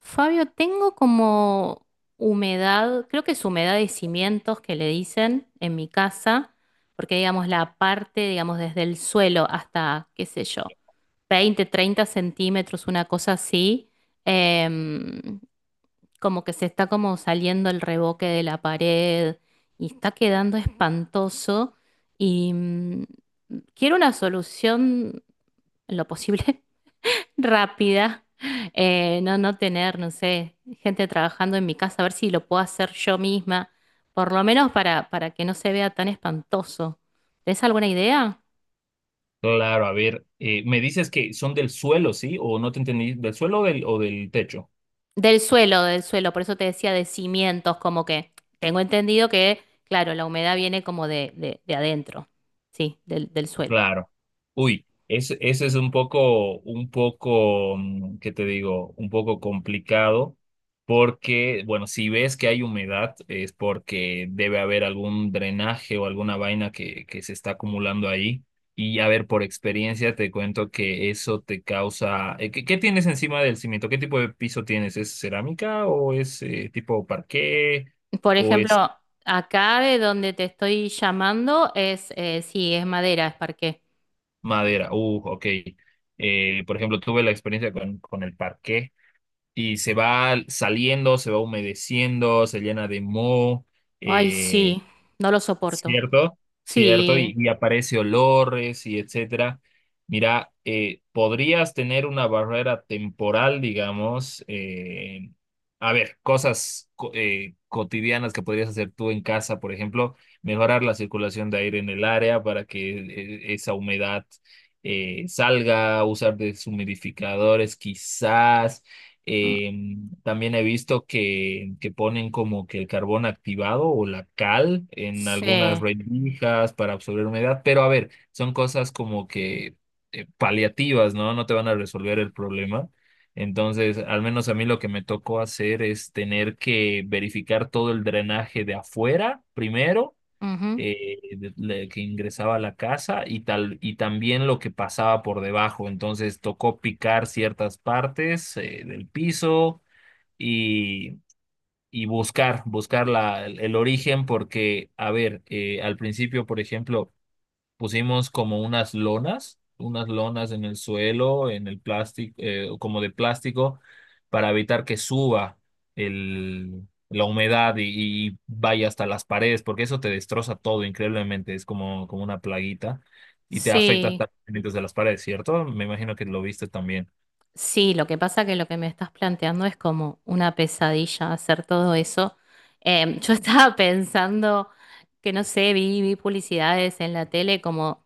Fabio, tengo como humedad, creo que es humedad de cimientos que le dicen en mi casa, porque digamos la parte, digamos desde el suelo hasta, qué sé yo, 20, 30 centímetros, una cosa así, em, como que se está como saliendo el revoque de la pared y está quedando espantoso y quiero una solución en lo posible rápida, no, no tener, no sé, gente trabajando en mi casa, a ver si lo puedo hacer yo misma, por lo menos para que no se vea tan espantoso. ¿Tenés alguna idea? Claro, a ver, me dices que son del suelo, ¿sí? O no te entendí, ¿del suelo o del techo? Del suelo, por eso te decía de cimientos, como que tengo entendido que, claro, la humedad viene como de adentro, sí, del suelo. Claro. Uy, eso es un poco, ¿qué te digo? Un poco complicado porque, bueno, si ves que hay humedad es porque debe haber algún drenaje o alguna vaina que se está acumulando ahí. Y a ver, por experiencia te cuento que eso te causa... ¿Qué, qué tienes encima del cimiento? ¿Qué tipo de piso tienes? ¿Es cerámica o es tipo parqué Por o es ejemplo, acá de donde te estoy llamando es, sí, es madera, es parqué. madera? Ok, por ejemplo, tuve la experiencia con el parqué y se va saliendo, se va humedeciendo, se llena de moho, Ay, eh, sí, no lo soporto. ¿cierto? ¿Cierto? Sí. Y aparece olores y etcétera. Mira, podrías tener una barrera temporal, digamos. A ver, cotidianas que podrías hacer tú en casa, por ejemplo, mejorar la circulación de aire en el área para que esa humedad salga, usar deshumidificadores quizás. Mm. em, También he visto que ponen como que el carbón activado o la cal en algunas Sí. rendijas para absorber humedad, pero a ver, son cosas como que paliativas, ¿no? No te van a resolver el problema. Entonces, al menos a mí lo que me tocó hacer es tener que verificar todo el drenaje de afuera primero, Ujú. Que ingresaba a la casa y tal, y también lo que pasaba por debajo. Entonces, tocó picar ciertas partes, del piso y, y buscar el origen, porque, a ver, al principio, por ejemplo, pusimos como unas lonas en el suelo, en el plástico, como de plástico, para evitar que suba la humedad y vaya hasta las paredes, porque eso te destroza todo increíblemente, es como una plaguita. Y te afecta Sí, hasta los cimientos de las paredes, ¿cierto? Me imagino que lo viste también. sí, lo que pasa que lo que me estás planteando es como una pesadilla hacer todo eso. Yo estaba pensando que, no sé, vi publicidades en la tele como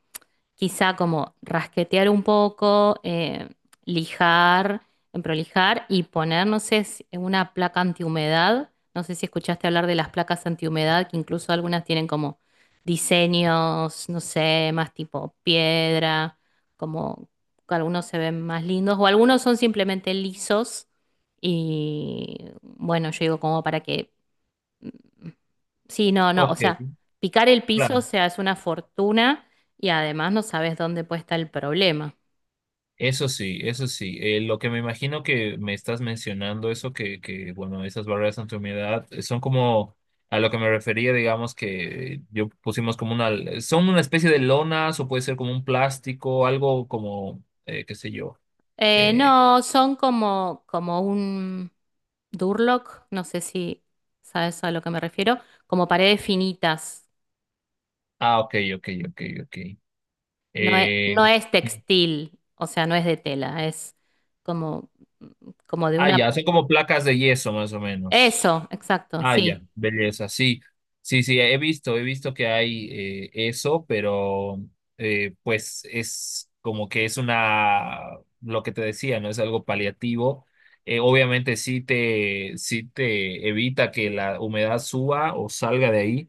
quizá como rasquetear un poco, lijar, prolijar y poner, no sé, una placa antihumedad. No sé si escuchaste hablar de las placas antihumedad, que incluso algunas tienen como diseños, no sé, más tipo piedra, como que algunos se ven más lindos, o algunos son simplemente lisos. Y bueno, yo digo como para que... Sí, no, no, o Ok, sea, picar el piso, o claro. sea, es una fortuna y además no sabes dónde puede estar el problema. Eso sí, eso sí. Lo que me imagino que me estás mencionando, eso bueno, esas barreras ante humedad son como a lo que me refería, digamos que yo pusimos como una, son una especie de lonas o puede ser como un plástico, algo como, qué sé yo. Eh, No, son como un Durlock, no sé si sabes a lo que me refiero, como paredes finitas. ah, ok, ok, ok, ok. No es, Eh, no es textil, o sea, no es de tela, es como, como de ah, una... ya, son como placas de yeso más o menos. Eso, exacto, Ah, ya, sí. belleza, sí, sí, sí, he visto que hay eso, pero pues es como que es una, lo que te decía, ¿no? Es algo paliativo. Obviamente sí te evita que la humedad suba o salga de ahí,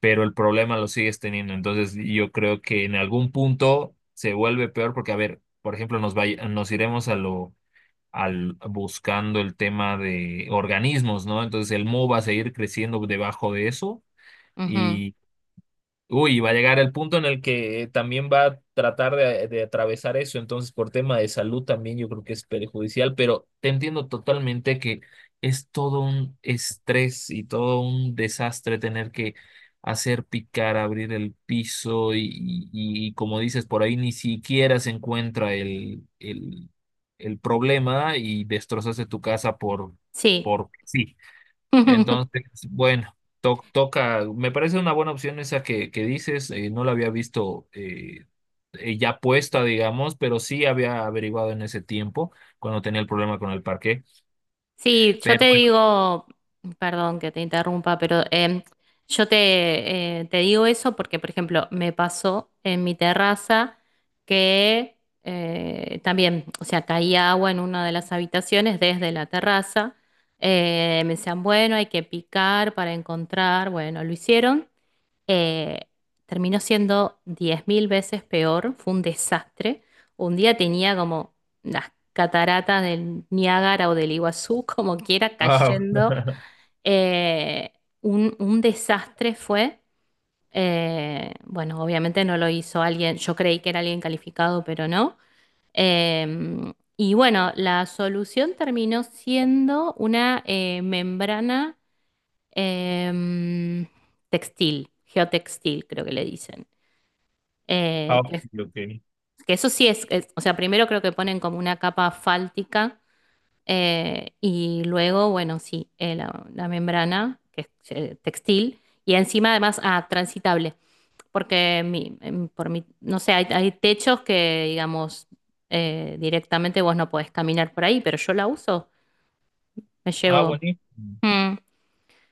pero el problema lo sigues teniendo. Entonces yo creo que en algún punto se vuelve peor porque, a ver, por ejemplo, nos iremos buscando el tema de organismos, ¿no? Entonces el Mo va a seguir creciendo debajo de eso. Ujú, Uy, va a llegar el punto en el que también va a tratar de atravesar eso, entonces por tema de salud también yo creo que es perjudicial, pero te entiendo totalmente que es todo un estrés y todo un desastre tener que hacer picar, abrir el piso y como dices, por ahí ni siquiera se encuentra el problema y destrozaste tu casa sí. por sí. Entonces, bueno, toca, me parece una buena opción esa que dices, no la había visto ya puesta, digamos, pero sí había averiguado en ese tiempo, cuando tenía el problema con el parque, Sí, yo pero te bueno. digo, perdón que te interrumpa, pero yo te digo eso porque, por ejemplo, me pasó en mi terraza que también, o sea, caía agua en una de las habitaciones desde la terraza. Me decían, bueno, hay que picar para encontrar, bueno, lo hicieron eh, terminó siendo 10.000 veces peor, fue un desastre. Un día tenía como las cataratas del Niágara o del Iguazú, como quiera, Ah, cayendo. Eh, un desastre fue. Bueno, obviamente no lo hizo alguien, yo creí que era alguien calificado, pero no. Eh, y bueno, la solución terminó siendo una membrana em, textil, geotextil, creo que le dicen. ah, Eh, ok, que, ok. que eso sí es, o sea, primero creo que ponen como una capa fáltica y luego, bueno, sí, la membrana, que es textil, y encima además transitable, porque por mi, no sé, hay techos que, digamos, directamente vos no podés caminar por ahí, pero yo la uso, me Ah, llevo... buenísimo. Mm,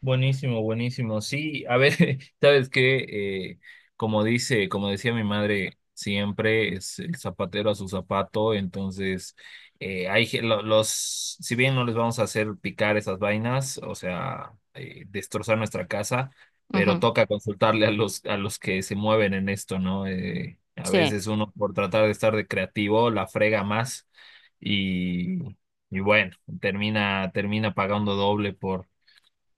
Buenísimo, buenísimo. Sí, a ver, sabes que como dice, como decía mi madre, siempre es el zapatero a su zapato. Entonces, los, si bien no les vamos a hacer picar esas vainas, o sea, destrozar nuestra casa, pero ujú, toca consultarle a los que se mueven en esto, ¿no? A sí, veces uno por tratar de estar de creativo la frega más y y bueno, termina pagando doble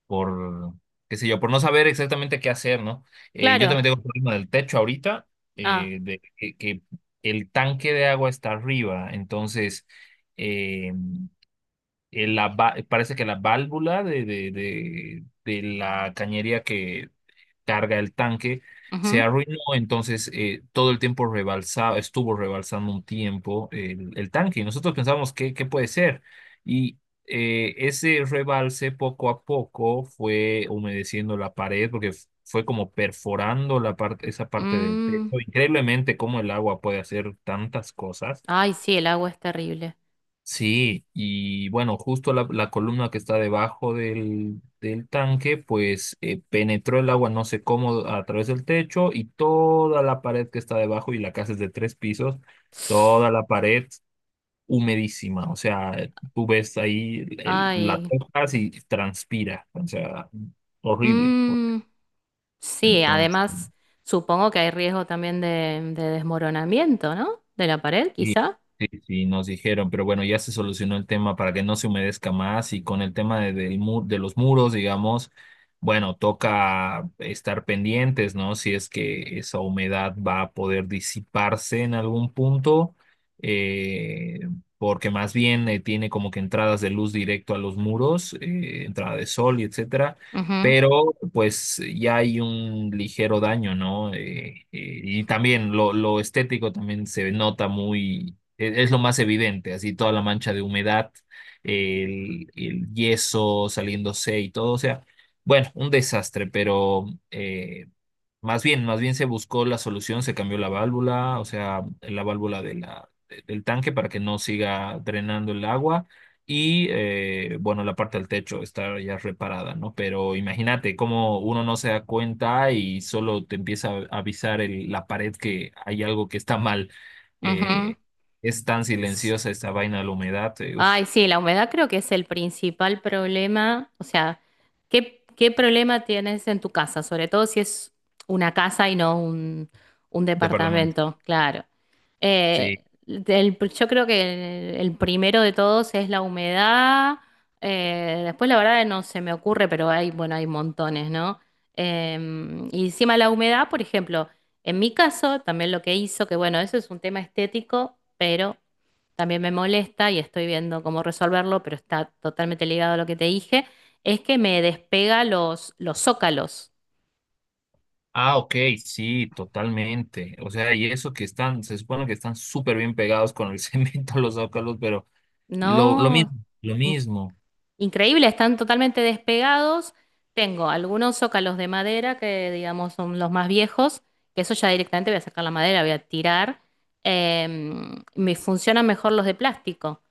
por, qué sé yo, por no saber exactamente qué hacer, ¿no? Yo claro. también tengo un problema del techo ahorita, Ah, que el tanque de agua está arriba, entonces eh, parece que la válvula de la cañería que, carga el tanque, se ujú, arruinó, entonces todo el tiempo rebalsaba, estuvo rebalsando un tiempo el tanque y nosotros pensamos, ¿qué, qué puede ser? Y ese rebalse poco a poco fue humedeciendo la pared porque fue como perforando la parte, esa parte del techo. mm. Increíblemente cómo el agua puede hacer tantas cosas. Ay, sí, el agua es terrible. Sí, y bueno, justo la columna que está debajo del tanque, pues penetró el agua no sé cómo a través del techo y toda la pared que está debajo, y la casa es de tres pisos, toda la pared humedísima. O sea, tú ves ahí, la Ay. tocas y transpira. O sea, horrible. Mm, sí, Entonces. además supongo que hay riesgo también de desmoronamiento, ¿no? De la pared, Sí, quizá. sí, sí, nos dijeron, pero bueno, ya se solucionó el tema para que no se humedezca más y con el tema de los muros, digamos, bueno, toca estar pendientes, ¿no? Si es que esa humedad va a poder disiparse en algún punto, eh, porque más bien tiene como que entradas de luz directo a los muros, entrada de sol y etcétera, Ujú, pero pues ya hay un ligero daño, ¿no? Y también lo estético también se nota muy, es lo más evidente, así toda la mancha de humedad, el yeso saliéndose y todo, o sea, bueno, un desastre, pero... eh, más bien se buscó la solución, se cambió la válvula, o sea, la válvula del tanque para que no siga drenando el agua. Y bueno, la parte del techo está ya reparada, ¿no? Pero imagínate cómo uno no se da cuenta y solo te empieza a avisar la pared que hay algo que está mal. ujú. Eh, es tan silenciosa esta vaina de la humedad, uf, Ay, sí, la humedad creo que es el principal problema. O sea, ¿qué problema tienes en tu casa? Sobre todo si es una casa y no un, un departamento. departamento, claro. Sí. Yo creo que el primero de todos es la humedad. Después, la verdad, no se me ocurre, pero hay, bueno, hay montones, ¿no? Y encima la humedad, por ejemplo, en mi caso, también lo que hizo, que bueno, eso es un tema estético, pero también me molesta y estoy viendo cómo resolverlo, pero está totalmente ligado a lo que te dije, es que me despega los zócalos. Ah, ok, sí, totalmente. O sea, y eso que están, se supone que están súper bien pegados con el cemento los zócalos, pero lo, lo No. mismo, lo mismo, Increíble, están totalmente despegados. Tengo algunos zócalos de madera que, digamos, son los más viejos, que eso ya directamente voy a sacar la madera, voy a tirar. Me funcionan mejor los de plástico,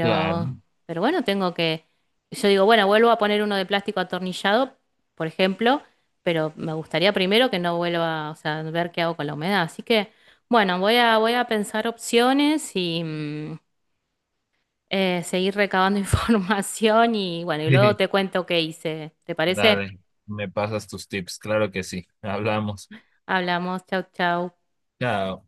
claro. pero bueno, tengo que... Yo digo, bueno, vuelvo a poner uno de plástico atornillado, por ejemplo, pero me gustaría primero que no vuelva, o sea, ver qué hago con la humedad. Así que, bueno, voy a pensar opciones y seguir recabando información y bueno, y luego te cuento qué hice. ¿Te parece? Dale, me pasas tus tips, claro que sí. Hablamos. Hablamos, chau, chau. Chao.